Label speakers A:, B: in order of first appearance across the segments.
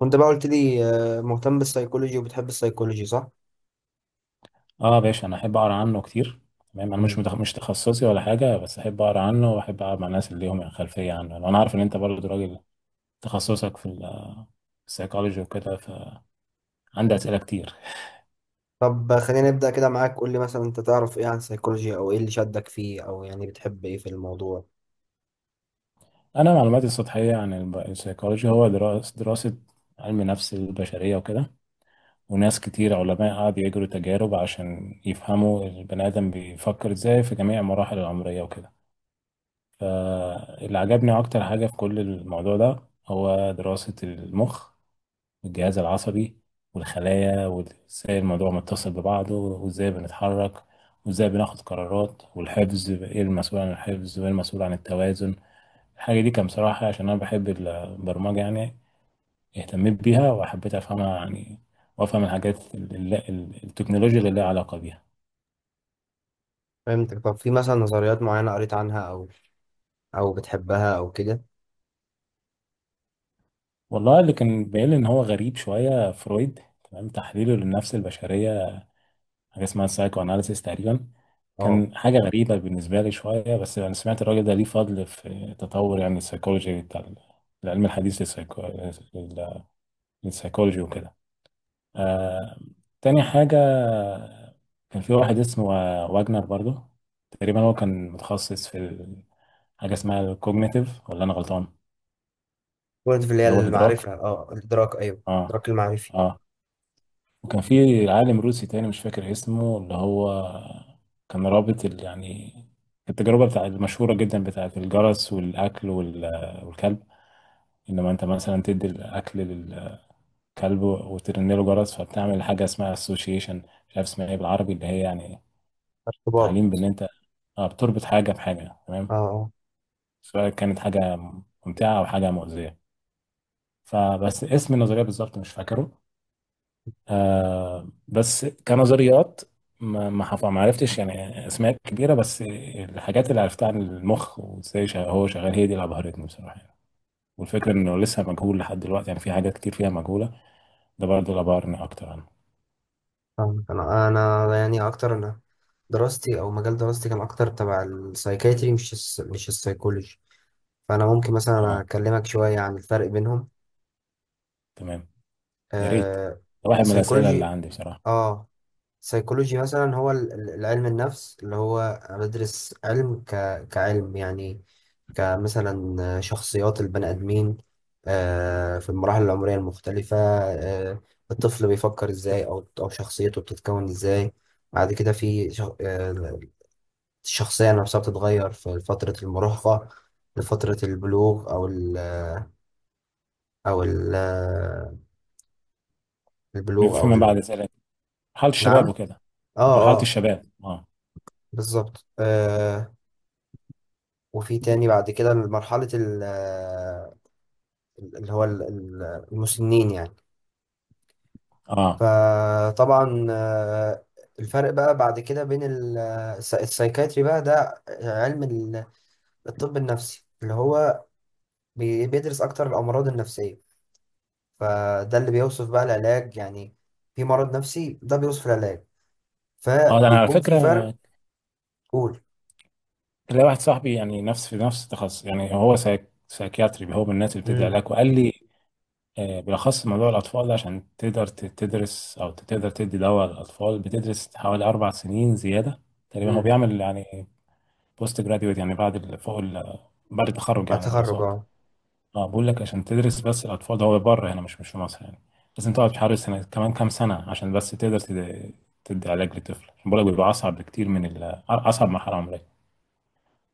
A: وانت بقى قلت لي مهتم بالسيكولوجي وبتحب السيكولوجي صح؟
B: اه باشا، انا احب اقرا عنه كتير. تمام، انا مش
A: مم.
B: تخصصي ولا حاجه، بس احب اقرا عنه واحب اقعد مع الناس اللي ليهم خلفيه عنه. يعني انا عارف ان انت برضه راجل تخصصك في السيكولوجي وكده، فعندي اسئله كتير.
A: طب خلينا نبدأ كده معاك. قول لي مثلا انت تعرف ايه عن السيكولوجي او ايه اللي شدك فيه او يعني بتحب ايه في الموضوع؟
B: انا معلوماتي السطحيه عن السيكولوجي هو دراسه علم نفس البشريه وكده، وناس كتير علماء قعدوا يجروا تجارب عشان يفهموا البني ادم بيفكر ازاي في جميع المراحل العمريه وكده. فاللي عجبني اكتر حاجه في كل الموضوع ده هو دراسه المخ والجهاز العصبي والخلايا، وازاي الموضوع متصل ببعضه، وازاي بنتحرك، وازاي بناخد قرارات، والحفظ ايه المسؤول عن الحفظ، وايه المسؤول عن التوازن. الحاجة دي كان بصراحة عشان أنا بحب البرمجة يعني، اهتميت بيها وحبيت أفهمها يعني. وأفهم الحاجات التكنولوجيا اللي لها علاقة بيها.
A: فهمتك. طب في مثلا نظريات معينة قريت عنها او بتحبها او كده؟
B: والله، اللي كان باين لي إن هو غريب شوية فرويد. تمام، تحليله للنفس البشرية، حاجه اسمها سايكو اناليسيس تقريبا،
A: اه،
B: كان حاجه غريبه بالنسبه لي شويه. بس انا سمعت الراجل ده ليه فضل في تطور يعني السيكولوجي بتاع العلم الحديث للسيكولوجي وكده. آه... تاني حاجه، كان في واحد اسمه واجنر برضو. تقريبا هو كان متخصص في حاجه اسمها الكوجنيتيف، ولا انا غلطان؟
A: قلت في اللي هي
B: اللي هو الادراك،
A: المعرفة، الادراك، ايوه.
B: اه.
A: الادراك المعرفي.
B: اه، وكان في عالم روسي تاني مش فاكر اسمه، اللي هو كان رابط يعني التجربة بتاع المشهورة جدا بتاعة الجرس والأكل والكلب. إنما أنت مثلا تدي الأكل للكلب وترن له جرس، فبتعمل حاجة اسمها association. مش عارف اسمها إيه بالعربي، اللي هي يعني
A: ارتباط.
B: تعليم بإن أنت بتربط حاجة بحاجة،
A: اه،
B: تمام،
A: اه.
B: سواء كانت حاجة ممتعة أو حاجة مؤذية. فبس اسم النظرية بالظبط مش فاكره. آه، بس كنظريات، ما عرفتش يعني اسماء كبيره، بس الحاجات اللي عرفتها عن المخ وازاي هو شغال هي دي اللي ابهرتني بصراحه يعني. والفكره انه لسه مجهول لحد دلوقتي، يعني في حاجات كتير فيها مجهوله. ده برضه اللي ابهرني اكتر عنه.
A: فاهمك. انا يعني اكتر، انا دراستي او مجال دراستي كان اكتر تبع السايكايتري، مش السيكولوجي. فانا ممكن مثلا
B: اه،
A: اكلمك شوية عن الفرق بينهم.
B: تمام. يا ريت،
A: آه
B: ده واحد من الاسئله اللي
A: سيكولوجي
B: عندي بصراحه.
A: اه سيكولوجي مثلا هو العلم النفس اللي هو بدرس كعلم يعني، كمثلا شخصيات البني آدمين في المراحل العمرية المختلفة. آه الطفل بيفكر ازاي، او شخصيته بتتكون ازاي. بعد كده في شخ... آه الشخصية نفسها بتتغير في فترة المراهقة، لفترة البلوغ او ال... او ال... آه،
B: بيبقى
A: البلوغ او
B: فيما
A: ال...
B: بعد اسئله مرحله
A: نعم،
B: الشباب وكده.
A: اه.
B: مرحله
A: آه.
B: الشباب، اه.
A: بالظبط. آه. وفي تاني بعد كده مرحلة اللي هو المسنين يعني.
B: اه.
A: فطبعا، الفرق بقى بعد كده بين السايكاتري. بقى ده علم الطب النفسي اللي هو بيدرس أكتر الأمراض النفسية. فده اللي بيوصف بقى العلاج يعني، في مرض نفسي ده بيوصف العلاج،
B: اه، ده انا على
A: فبيكون في
B: فكره
A: فرق. قول.
B: تلاقي واحد صاحبي يعني نفس في نفس التخصص، يعني هو سايكياتري، هو من الناس اللي بتدي
A: امم.
B: علاج. وقال لي آه، بالأخص موضوع الأطفال ده عشان تقدر تدرس أو تقدر تدي دواء للأطفال، بتدرس حوالي أربع سنين زيادة. تقريبا هو
A: امم.
B: بيعمل يعني بوست جراديويت، يعني بعد بعد التخرج
A: بعد
B: يعني
A: تخرج،
B: دراسات.
A: اه.
B: اه، بقول لك عشان تدرس بس الأطفال ده هو بره هنا، مش مش في مصر يعني. لازم تقعد حوالي سنة كمان، كام سنة عشان بس تقدر تدي علاج لطفل، عشان بقول لك بيبقى أصعب بكتير من أصعب مرحلة عمرية.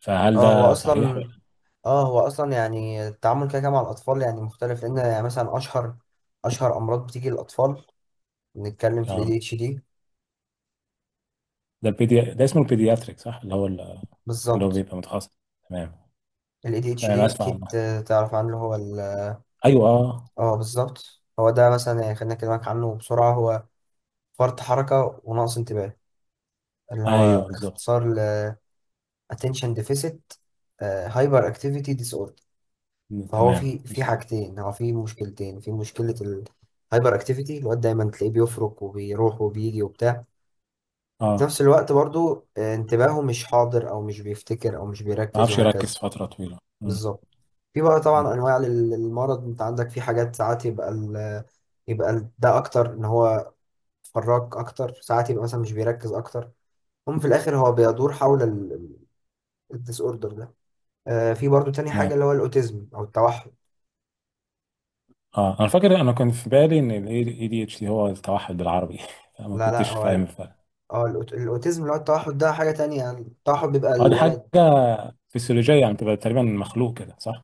B: فهل
A: اه هو
B: ده صحيح
A: اصلا
B: ولا؟
A: اه هو اصلا يعني التعامل كده مع الاطفال يعني مختلف، لان يعني مثلا اشهر امراض بتيجي للاطفال. نتكلم في الاي دي
B: اه،
A: اتش دي.
B: ده اسمه البيدياتريك صح، اللي هو اللي هو
A: بالظبط.
B: بيبقى متخصص. تمام.
A: الاي دي اتش
B: تمام،
A: دي،
B: أسف.
A: اكيد. تعرف عنه. هو ال...
B: ايوه، اه.
A: اه بالظبط. هو ده مثلا يعني خلينا اكلمك عنه بسرعه. هو فرط حركه ونقص انتباه، اللي هو
B: ايوه بالظبط.
A: اختصار ل attention deficit هايبر اكتيفيتي ديس اوردر. فهو
B: تمام.
A: في حاجتين، هو في مشكلتين. في مشكله الهايبر اكتيفيتي، الواد دايما تلاقيه بيفرك وبيروح وبيجي وبتاع. في
B: اه،
A: نفس الوقت برضو، انتباهه مش حاضر او مش بيفتكر او مش
B: ما
A: بيركز
B: اعرفش
A: وهكذا.
B: يركز فتره طويله.
A: بالظبط. في بقى
B: م-
A: طبعا انواع للمرض. انت عندك في حاجات، ساعات يبقى ال ده اكتر ان هو فراك اكتر، ساعات يبقى مثلا مش بيركز اكتر. هم في الاخر هو بيدور حول الديس اوردر ده. في برضو تاني
B: تمام.
A: حاجة اللي هو الاوتيزم او التوحد.
B: اه انا فاكر، انا كان في بالي ان الاي دي اتش دي هو التوحد بالعربي فما
A: لا، لا،
B: كنتش
A: هو
B: فاهم الفرق.
A: الاوتيزم اللي هو التوحد ده حاجة تانية. يعني التوحد بيبقى
B: اه، دي
A: الولد...
B: حاجه فسيولوجيه يعني، تبقى تقريبا مخلوق كده صح؟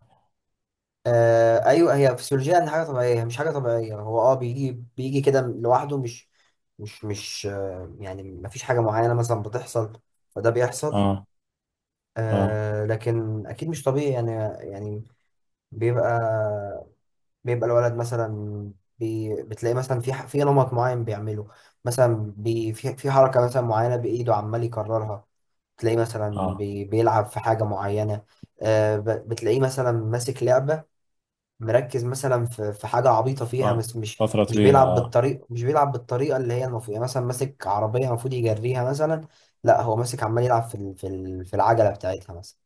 A: آه، ايوه. هي فسيولوجيا ان حاجه طبيعيه، هي مش حاجه طبيعيه. هو بيجي كده لوحده، مش مش مش آه يعني ما فيش حاجه معينه مثلا بتحصل. فده بيحصل.
B: اه. اه.
A: آه، لكن اكيد مش طبيعي يعني. يعني بيبقى بيبقى الولد مثلا، بتلاقي مثلا في نمط معين بيعمله. مثلا في حركه مثلا معينه بايده عمال يكررها. تلاقيه مثلا
B: اه،
A: بيلعب في حاجه معينه. بتلاقيه مثلا ماسك لعبه، مركز مثلا في حاجه عبيطه
B: ف-
A: فيها. بس
B: فتره طويله، اه.
A: مش بيلعب بالطريقه اللي هي المفروض، يعني مثلا ماسك عربيه المفروض يجريها مثلا. لا، هو ماسك عمال يلعب في العجله بتاعتها مثلا،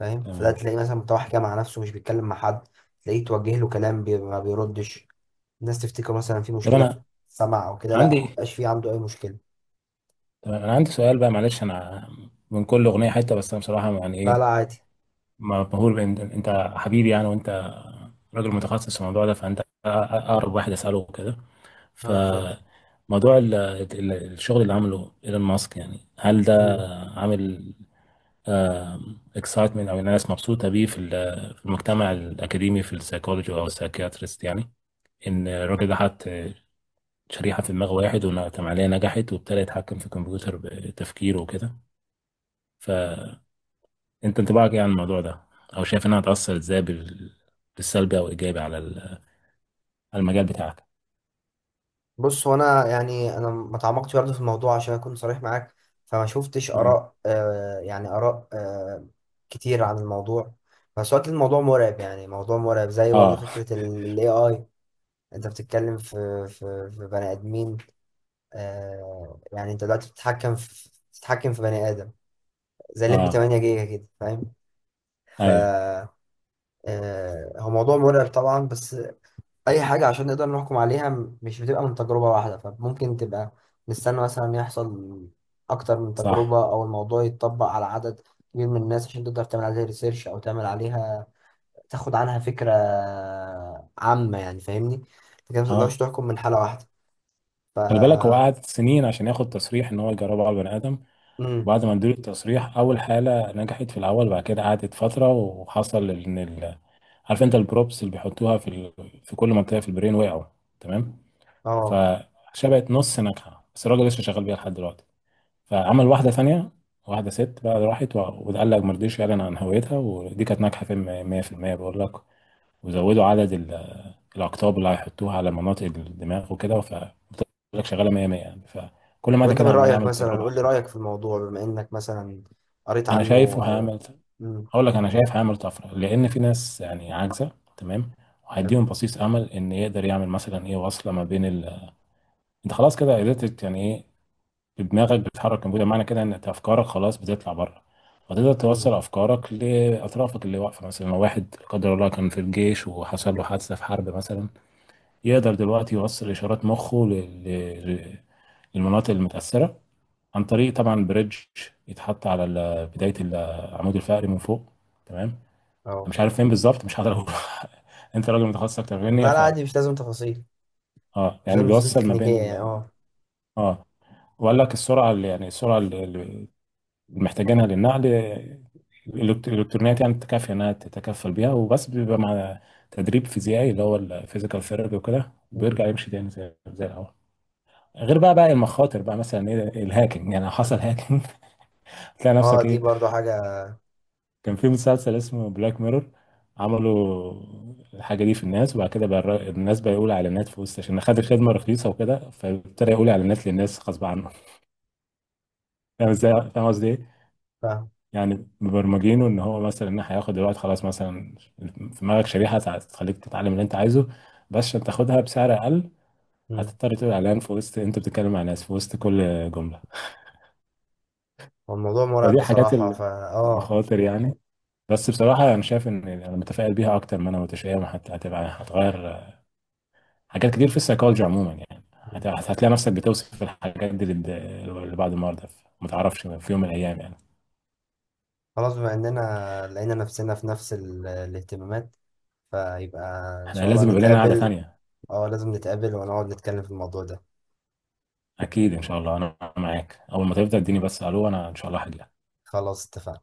A: فاهم؟ فده
B: تمام.
A: تلاقيه مثلا متوحش كده مع نفسه، مش بيتكلم مع حد. تلاقيه توجه له كلام، ما بيردش. الناس تفتكر مثلا في
B: طب
A: مشكله في
B: انا
A: السمع او كده، لا، ما
B: عندي
A: بقاش في عنده اي مشكله.
B: تمام انا عندي سؤال بقى، معلش انا من كل اغنيه حته، بس انا بصراحه يعني
A: لا،
B: ايه،
A: لا، عادي.
B: مبهور بان انت حبيبي يعني، وانت راجل متخصص في الموضوع ده، فانت اقرب واحد اساله كده.
A: لا، لا، اتفضل.
B: فموضوع الشغل اللي عمله ايلون ماسك، يعني هل ده
A: مم.
B: عامل اكسايتمنت او الناس مبسوطه بيه في في المجتمع الاكاديمي في السايكولوجي او السايكياتريست يعني؟ ان الراجل ده حط شريحه في دماغ واحد والعمليه نجحت وابتدى يتحكم في الكمبيوتر بتفكيره وكده. فانت انطباعك ايه عن الموضوع ده، او شايف انها هتاثر ازاي بالسلبي او ايجابي على على المجال بتاعك؟
A: بص، هو انا يعني انا ما تعمقتش برضه في الموضوع عشان اكون صريح معاك. فما شفتش
B: مم.
A: اراء كتير عن الموضوع. بس وقت الموضوع مرعب يعني، موضوع مرعب زي برضه
B: اه
A: فكره الاي اي. انت بتتكلم في بني ادمين. يعني انت دلوقتي بتتحكم في بني ادم، زي الليمبي
B: اه
A: 8 جيجا كده، فاهم؟ ف
B: ايوه
A: آه هو موضوع مرعب طبعا، بس اي حاجه عشان نقدر نحكم عليها مش بتبقى من تجربه واحده، فممكن تبقى نستنى مثلا يحصل اكتر من تجربه
B: صح.
A: او الموضوع يتطبق على عدد كبير من الناس عشان تقدر تعمل عليها ريسيرش او تعمل عليها، تاخد عنها فكره عامه يعني، فاهمني؟ انت كده ما تقدرش
B: اه،
A: تحكم من حاله واحده. ف
B: خلي بالك هو قعد سنين عشان ياخد تصريح ان هو يجربه على البني ادم.
A: امم،
B: وبعد ما اديله التصريح، اول حاله نجحت في الاول. بعد كده قعدت فتره وحصل ان عارف انت البروبس اللي بيحطوها في في كل منطقه في البرين وقعوا. تمام.
A: اه.
B: فشبعت نص ناجحه، بس الراجل لسه شغال بيها لحد دلوقتي. فعمل واحده ثانيه، واحده ست بقى راحت وقال لك ما رضيش يعلن عن هويتها، ودي كانت ناجحه في 100% بقول لك. وزودوا عدد الأقطاب اللي هيحطوها على مناطق الدماغ وكده، فبقول لك شغالة 100 100 يعني. فكل ما
A: طب
B: ده
A: انت من
B: كده عمال
A: رايك
B: يعمل
A: مثلا
B: تجربة على
A: قول لي
B: الناس.
A: رايك في الموضوع بما انك مثلا قريت
B: أنا
A: عنه
B: شايفه
A: او...
B: هيعمل.
A: امم.
B: أقول لك أنا شايف هيعمل طفرة، لأن في ناس يعني عاجزة، تمام،
A: حلو.
B: وهيديهم بصيص أمل. إن يقدر يعمل مثلا إيه، وصلة ما بين أنت خلاص كده قدرت يعني إيه، بدماغك بتحرك الكمبيوتر، معنى كده إن أنت أفكارك خلاص بتطلع بره، وتقدر
A: امم.
B: توصل أفكارك لأطرافك اللي واقفة. مثلا لو واحد لا قدر الله كان في الجيش وحصل له حادثة في حرب مثلا، يقدر دلوقتي يوصل إشارات مخه للمناطق المتأثرة عن طريق طبعا بريدج يتحط على بداية العمود الفقري من فوق. تمام. أنا
A: اه.
B: مش عارف فين بالظبط، مش هقدر أقول أنت راجل متخصص أكتر مني
A: لا، لا،
B: ف،
A: عادي، مش لازم تفاصيل.
B: اه،
A: مش
B: يعني
A: لازم تفاصيل
B: بيوصل ما بين
A: تكنيكيه يعني.
B: ال... اه، وقال لك السرعة اللي يعني السرعة اللي محتاجينها للنقل الإلكترونيات يعني تكفي إنها تتكفل بيها. وبس بيبقى مع تدريب فيزيائي، اللي هو الفيزيكال ثيرابي وكده،
A: اه.
B: بيرجع يمشي تاني زي زي الأول. غير بقى المخاطر بقى، مثلا ايه الهاكينج؟ يعني لو حصل هاكينج تلاقي
A: اه،
B: نفسك
A: دي
B: ايه.
A: برضو حاجة.
B: كان في مسلسل اسمه بلاك ميرور، عملوا الحاجه دي في الناس. وبعد كده بقى الناس بقى يقول اعلانات في وسط عشان خد الخدمه رخيصه وكده، فابتدى يقول اعلانات للناس غصب عنه فاهم ازاي؟ فاهم قصدي ايه؟
A: فاهم.
B: يعني مبرمجينه ان هو مثلا ان هياخد دلوقتي خلاص، مثلا في دماغك شريحه تخليك تتعلم اللي انت عايزه، بس عشان تاخدها بسعر اقل
A: مم.
B: هتضطر تقول اعلان في وسط انت بتتكلم مع ناس، في وسط كل جمله.
A: هو الموضوع مرعب
B: فدي حاجات
A: بصراحة. فا اه
B: المخاطر يعني. بس بصراحة أنا شايف إن أنا متفائل بيها أكتر ما أنا متشائم، حتى هتبقى هتغير حاجات كتير في السيكولوجي عموما يعني. هت-
A: مم.
B: هتلاقي نفسك بتوصف الحاجات دي لبعض المرضى، ما تعرفش في يوم من الأيام يعني.
A: خلاص، بما اننا لقينا نفسنا في نفس الاهتمامات، فيبقى ان
B: إحنا
A: شاء الله
B: لازم يبقى لنا قعدة
A: نتقابل.
B: تانية.
A: اه، لازم نتقابل ونقعد نتكلم في الموضوع ده.
B: أكيد إن شاء الله، أنا معاك أول ما تفضل اديني. بس ألو، أنا إن شاء الله هجي.
A: خلاص، اتفقنا.